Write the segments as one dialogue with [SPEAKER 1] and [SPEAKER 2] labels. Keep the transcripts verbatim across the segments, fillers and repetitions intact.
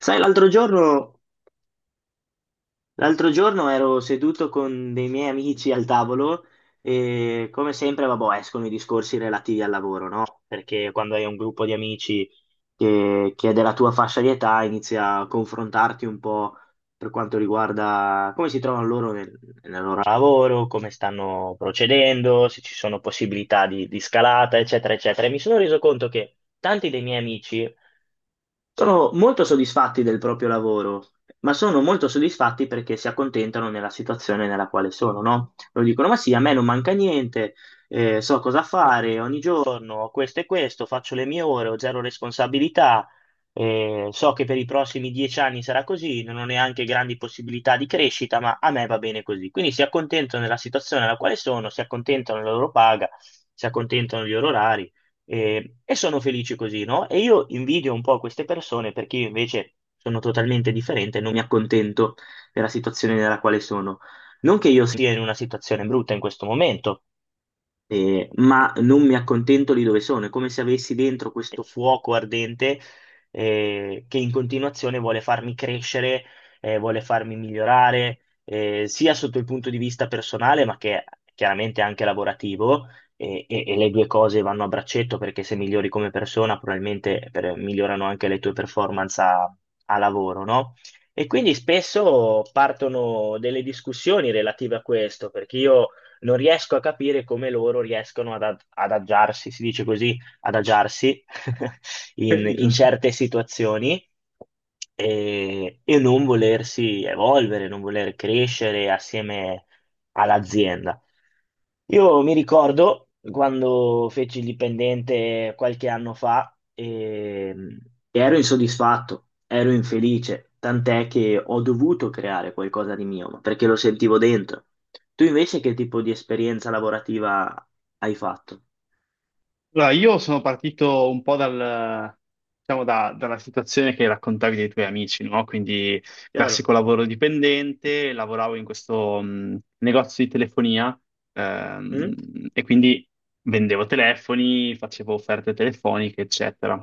[SPEAKER 1] Sai, l'altro giorno, l'altro giorno ero seduto con dei miei amici al tavolo e come sempre, vabbè, escono i discorsi relativi al lavoro, no? Perché quando hai un gruppo di amici che, che è della tua fascia di età, inizia a confrontarti un po' per quanto riguarda come si trovano loro nel, nel loro lavoro, come stanno procedendo, se ci sono possibilità di, di scalata, eccetera, eccetera. E mi sono reso conto che tanti dei miei amici sono molto soddisfatti del proprio lavoro, ma sono molto soddisfatti perché si accontentano nella situazione nella quale sono, no? Lo dicono, ma sì, a me non manca niente, eh, so cosa fare ogni giorno, ho questo e questo, faccio le mie ore, ho zero responsabilità, eh, so che per i prossimi dieci anni sarà così, non ho neanche grandi possibilità di crescita, ma a me va bene così. Quindi si accontentano della situazione nella quale sono, si accontentano della loro paga, si accontentano degli orari e, e sono felici così, no? E io invidio un po' queste persone perché io invece sono totalmente differente e non mi accontento della situazione nella quale sono. Non che io sia in una situazione brutta in questo momento, eh, ma non mi accontento di dove sono, è come se avessi dentro questo fuoco ardente eh, che in continuazione vuole farmi crescere, eh, vuole farmi migliorare, eh, sia sotto il punto di vista personale, ma che chiaramente anche lavorativo, e, e- e le due cose vanno a braccetto perché se migliori come persona, probabilmente per- migliorano anche le tue performance a, a lavoro, no? E quindi spesso partono delle discussioni relative a questo, perché io non riesco a capire come loro riescono ad ad- adagiarsi, si dice così, adagiarsi in,
[SPEAKER 2] Eh,
[SPEAKER 1] in
[SPEAKER 2] giusto.
[SPEAKER 1] certe situazioni e, e non volersi evolvere, non voler crescere assieme all'azienda. Io mi ricordo quando feci il dipendente qualche anno fa ehm, e ero insoddisfatto, ero infelice, tant'è che ho dovuto creare qualcosa di mio, ma perché lo sentivo dentro. Tu invece che tipo di esperienza lavorativa hai fatto?
[SPEAKER 2] Allora, io sono partito un po' dal, diciamo, da- dalla situazione che raccontavi dei tuoi amici, no? Quindi
[SPEAKER 1] Chiaro?
[SPEAKER 2] classico lavoro dipendente, lavoravo in questo mh, negozio di telefonia,
[SPEAKER 1] Mm?
[SPEAKER 2] ehm, e quindi vendevo telefoni, facevo offerte telefoniche, eccetera.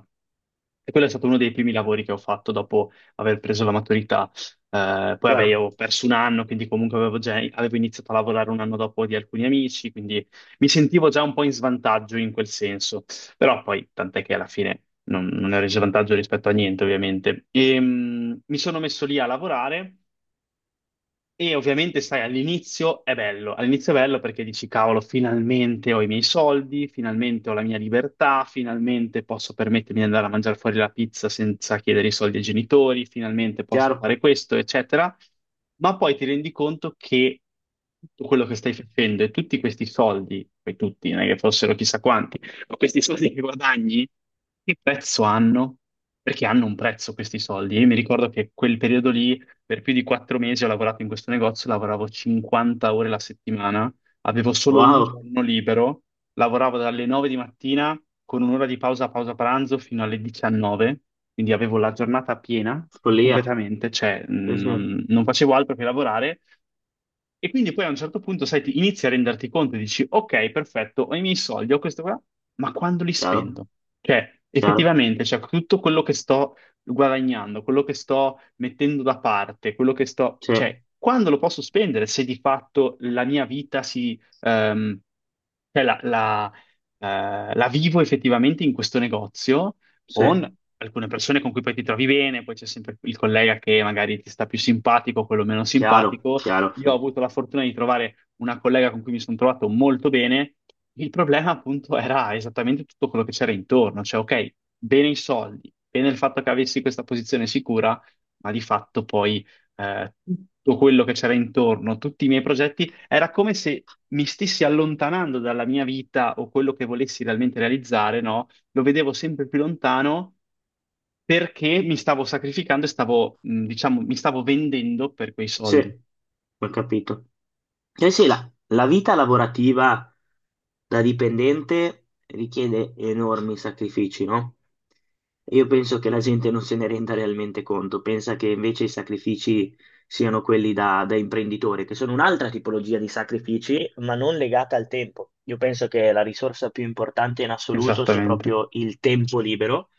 [SPEAKER 2] E quello è stato uno dei primi lavori che ho fatto dopo aver preso la maturità. Eh, poi, vabbè,
[SPEAKER 1] Chiaro?
[SPEAKER 2] io ho perso un anno, quindi comunque avevo già avevo iniziato a lavorare un anno dopo di alcuni amici, quindi mi sentivo già un po' in svantaggio in quel senso, però poi tant'è che alla fine non, non ne ho reso vantaggio rispetto a niente, ovviamente. E, mm, mi sono messo lì a lavorare e ovviamente, sai, all'inizio è bello, all'inizio è bello perché dici, cavolo, finalmente ho i miei soldi, finalmente ho la mia libertà, finalmente posso permettermi di andare a mangiare fuori la pizza senza chiedere i soldi ai genitori, finalmente posso
[SPEAKER 1] Chiaro?
[SPEAKER 2] fare questo, eccetera. Ma poi ti rendi conto che tutto quello che stai facendo e tutti questi soldi, poi tutti, non è che fossero chissà quanti, ma questi soldi che guadagni, che prezzo hanno? Perché hanno un prezzo questi soldi. Io mi ricordo che quel periodo lì per più di quattro mesi ho lavorato in questo negozio, lavoravo cinquanta ore la settimana, avevo solo un
[SPEAKER 1] Wow,
[SPEAKER 2] giorno libero, lavoravo dalle nove di mattina con un'ora di pausa, pausa pranzo fino alle diciannove, quindi avevo la giornata piena
[SPEAKER 1] follia.
[SPEAKER 2] completamente, cioè mh,
[SPEAKER 1] Sì, sì.
[SPEAKER 2] non, non facevo altro che lavorare. E quindi poi a un certo punto, sai, ti inizi a renderti conto e dici, ok, perfetto, ho i miei soldi, ho questo qua, ma quando li
[SPEAKER 1] Chiaro?
[SPEAKER 2] spendo? Cioè,
[SPEAKER 1] Chiaro?
[SPEAKER 2] effettivamente, cioè, tutto quello che sto guadagnando, quello che sto mettendo da parte, quello che sto,
[SPEAKER 1] Sì,
[SPEAKER 2] cioè, quando lo posso spendere se di fatto la mia vita si, ehm, cioè la, la, eh, la vivo effettivamente in questo negozio
[SPEAKER 1] sì.
[SPEAKER 2] con alcune persone con cui poi ti trovi bene, poi c'è sempre il collega che magari ti sta più simpatico, quello meno
[SPEAKER 1] Chiaro?
[SPEAKER 2] simpatico.
[SPEAKER 1] Chiaro, sì.
[SPEAKER 2] Io ho avuto la fortuna di trovare una collega con cui mi sono trovato molto bene. Il problema appunto era esattamente tutto quello che c'era intorno, cioè ok, bene i soldi, bene il fatto che avessi questa posizione sicura, ma di fatto poi eh, tutto quello che c'era intorno, tutti i miei progetti, era come se mi stessi allontanando dalla mia vita o quello che volessi realmente realizzare, no? Lo vedevo sempre più lontano perché mi stavo sacrificando e stavo, mh, diciamo, mi stavo vendendo per quei
[SPEAKER 1] Sì,
[SPEAKER 2] soldi.
[SPEAKER 1] ho capito. Eh sì, la, la vita lavorativa da dipendente richiede enormi sacrifici, no? Io penso che la gente non se ne renda realmente conto, pensa che invece i sacrifici siano quelli da, da imprenditore, che sono un'altra tipologia di sacrifici, ma non legata al tempo. Io penso che la risorsa più importante in assoluto sia
[SPEAKER 2] Esattamente.
[SPEAKER 1] proprio il tempo libero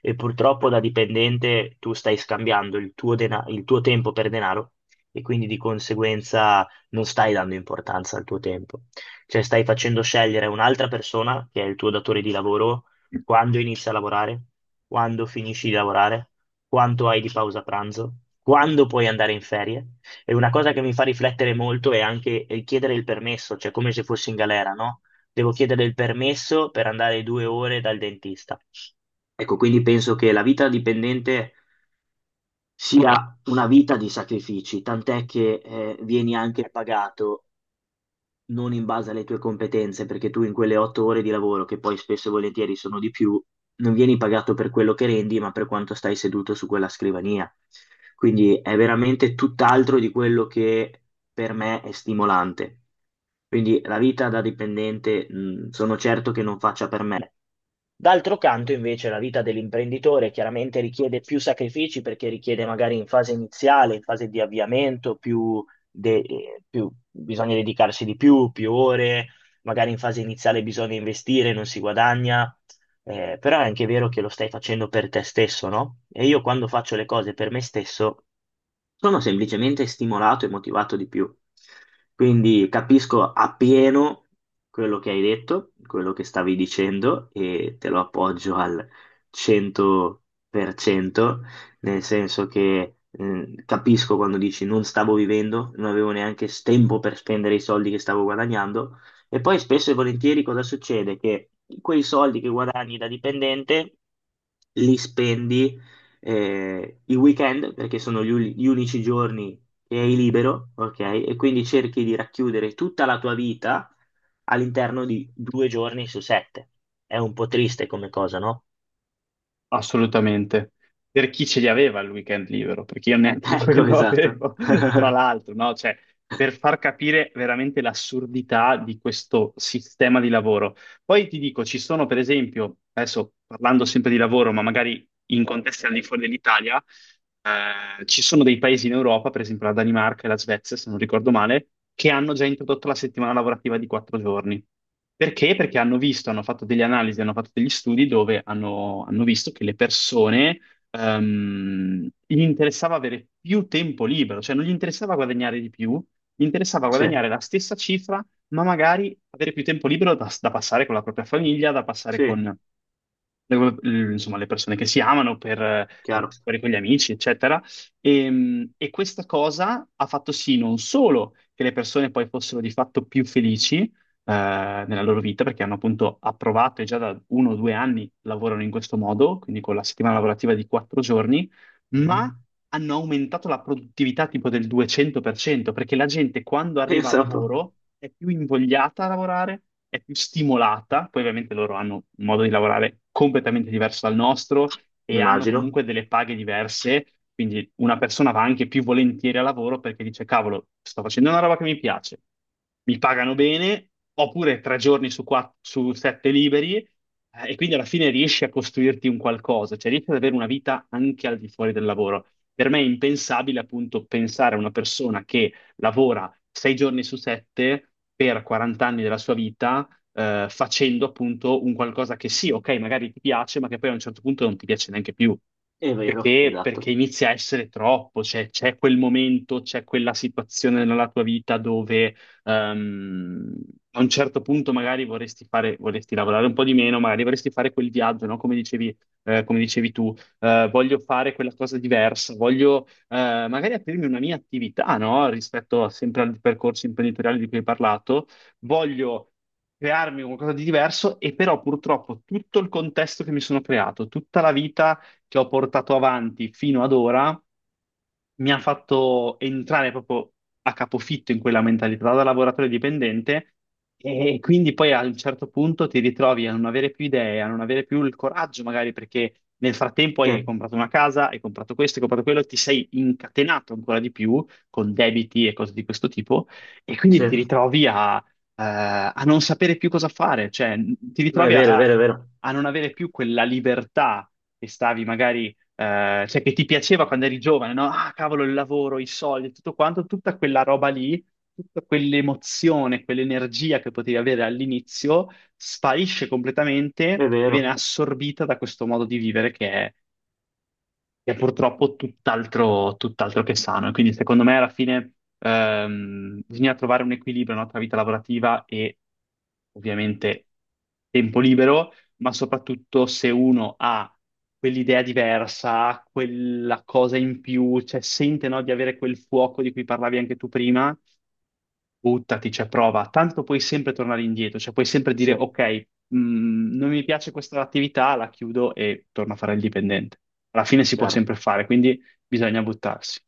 [SPEAKER 1] e purtroppo da dipendente tu stai scambiando il tuo dena- il tuo tempo per denaro e quindi di conseguenza non stai dando importanza al tuo tempo, cioè stai facendo scegliere un'altra persona, che è il tuo datore di lavoro, quando inizi a lavorare, quando finisci di lavorare, quanto hai di pausa pranzo, quando puoi andare in ferie. E una cosa che mi fa riflettere molto è anche eh, chiedere il permesso, cioè come se fossi in galera, no? Devo chiedere il permesso per andare due ore dal dentista. Ecco, quindi penso che la vita dipendente sia una vita di sacrifici, tant'è che eh, vieni anche pagato non in base alle tue competenze, perché tu in quelle otto ore di lavoro, che poi spesso e volentieri sono di più, non vieni pagato per quello che rendi, ma per quanto stai seduto su quella scrivania. Quindi è veramente tutt'altro di quello che per me è stimolante. Quindi la vita da dipendente, mh, sono certo che non faccia per me. D'altro canto, invece, la vita dell'imprenditore chiaramente richiede più sacrifici perché richiede magari in fase iniziale, in fase di avviamento, più, de- eh, più- bisogna dedicarsi di più, più ore, magari in fase iniziale bisogna investire, non si guadagna, eh, però è anche vero che lo stai facendo per te stesso, no? E io quando faccio le cose per me stesso sono semplicemente stimolato e motivato di più. Quindi capisco appieno quello che hai detto, quello che stavi dicendo e te lo appoggio al cento per cento, nel senso che eh, capisco quando dici non stavo vivendo, non avevo neanche tempo per spendere i soldi che stavo guadagnando e poi spesso e volentieri cosa succede? Che quei soldi che guadagni da dipendente li spendi eh, i weekend, perché sono gli, uni- gli unici giorni che hai libero, ok? E quindi cerchi di racchiudere tutta la tua vita all'interno di due giorni su sette. È un po' triste come cosa, no?
[SPEAKER 2] Assolutamente. Per chi ce li aveva il weekend libero, perché io neanche
[SPEAKER 1] Ecco,
[SPEAKER 2] quello
[SPEAKER 1] esatto.
[SPEAKER 2] avevo, tra l'altro, no? Cioè, per far capire veramente l'assurdità di questo sistema di lavoro. Poi ti dico, ci sono per esempio, adesso parlando sempre di lavoro, ma magari in contesti al di fuori dell'Italia, eh, ci sono dei paesi in Europa, per esempio la Danimarca e la Svezia, se non ricordo male, che hanno già introdotto la settimana lavorativa di quattro giorni. Perché? Perché hanno visto, hanno fatto delle analisi, hanno fatto degli studi dove hanno, hanno visto che le persone, ehm, gli interessava avere più tempo libero, cioè non gli interessava guadagnare di più, gli interessava
[SPEAKER 1] Sì,
[SPEAKER 2] guadagnare la stessa cifra, ma magari avere più tempo libero da, da, passare con la propria famiglia, da passare
[SPEAKER 1] sì,
[SPEAKER 2] con le- le- insomma, le persone che si amano per eh,
[SPEAKER 1] chiaro.
[SPEAKER 2] andare fuori con gli amici, eccetera. E, e questa cosa ha fatto sì non solo che le persone poi fossero di fatto più felici eh, nella loro vita, perché hanno appunto approvato e già da uno o due anni lavorano in questo modo, quindi con la settimana lavorativa di quattro giorni, ma
[SPEAKER 1] Mhm.
[SPEAKER 2] hanno aumentato la produttività tipo del duecento per cento, perché la gente quando arriva al
[SPEAKER 1] Pensa un po'.
[SPEAKER 2] lavoro è più invogliata a lavorare, è più stimolata, poi ovviamente loro hanno un modo di lavorare completamente diverso dal nostro e hanno
[SPEAKER 1] Immagino.
[SPEAKER 2] comunque delle paghe diverse, quindi una persona va anche più volentieri al lavoro perché dice, cavolo, sto facendo una roba che mi piace, mi pagano bene, oppure tre giorni su, quatt- su sette liberi. eh, E quindi alla fine riesci a costruirti un qualcosa, cioè riesci ad avere una vita anche al di fuori del lavoro. Per me è impensabile appunto pensare a una persona che lavora sei giorni su sette per quaranta anni della sua vita, eh, facendo appunto un qualcosa che sì, ok, magari ti piace, ma che poi a un certo punto non ti piace neanche più.
[SPEAKER 1] È vero,
[SPEAKER 2] Perché? Perché
[SPEAKER 1] esatto.
[SPEAKER 2] inizia a essere troppo, cioè c'è quel momento, c'è quella situazione nella tua vita dove ehm, a un certo punto magari vorresti fare, vorresti lavorare un po' di meno, magari vorresti fare quel viaggio, no? Come dicevi, eh, come dicevi tu eh, voglio fare quella cosa diversa, voglio eh, magari aprirmi una mia attività, no? Rispetto a- sempre al percorso imprenditoriale di cui hai parlato, voglio crearmi qualcosa di diverso e però purtroppo tutto il contesto che mi sono creato, tutta la vita che ho portato avanti fino ad ora mi ha fatto entrare proprio a capofitto in quella mentalità da lavoratore dipendente e quindi poi a un certo punto ti ritrovi a non avere più idee, a non avere più il coraggio magari perché nel frattempo
[SPEAKER 1] Sì,
[SPEAKER 2] hai comprato una casa, hai comprato questo, hai comprato quello, ti sei incatenato ancora di più con debiti e cose di questo tipo e quindi
[SPEAKER 1] sì.
[SPEAKER 2] ti ritrovi a, eh, a non sapere più cosa fare, cioè ti
[SPEAKER 1] No, è
[SPEAKER 2] ritrovi a
[SPEAKER 1] vero, è
[SPEAKER 2] a-
[SPEAKER 1] vero, è vero.
[SPEAKER 2] a non avere più quella libertà che stavi magari eh, cioè che ti piaceva quando eri giovane, no? Ah, cavolo, il lavoro, i soldi, tutto quanto, tutta quella roba lì, tutta quell'emozione, quell'energia che potevi avere all'inizio, sparisce completamente
[SPEAKER 1] È
[SPEAKER 2] e viene
[SPEAKER 1] vero.
[SPEAKER 2] assorbita da questo modo di vivere che è che è purtroppo tutt'altro tutt'altro che sano. E quindi secondo me alla fine ehm, bisogna trovare un equilibrio, no, tra vita lavorativa e ovviamente tempo libero, ma soprattutto se uno ha quell'idea diversa, quella cosa in più, cioè sente, no, di avere quel fuoco di cui parlavi anche tu prima, buttati, cioè prova, tanto puoi sempre tornare indietro, cioè puoi sempre dire
[SPEAKER 1] Sì,
[SPEAKER 2] ok, mh, non mi piace questa attività, la chiudo e torno a fare il dipendente. Alla fine si può
[SPEAKER 1] chiaro.
[SPEAKER 2] sempre fare, quindi bisogna buttarsi.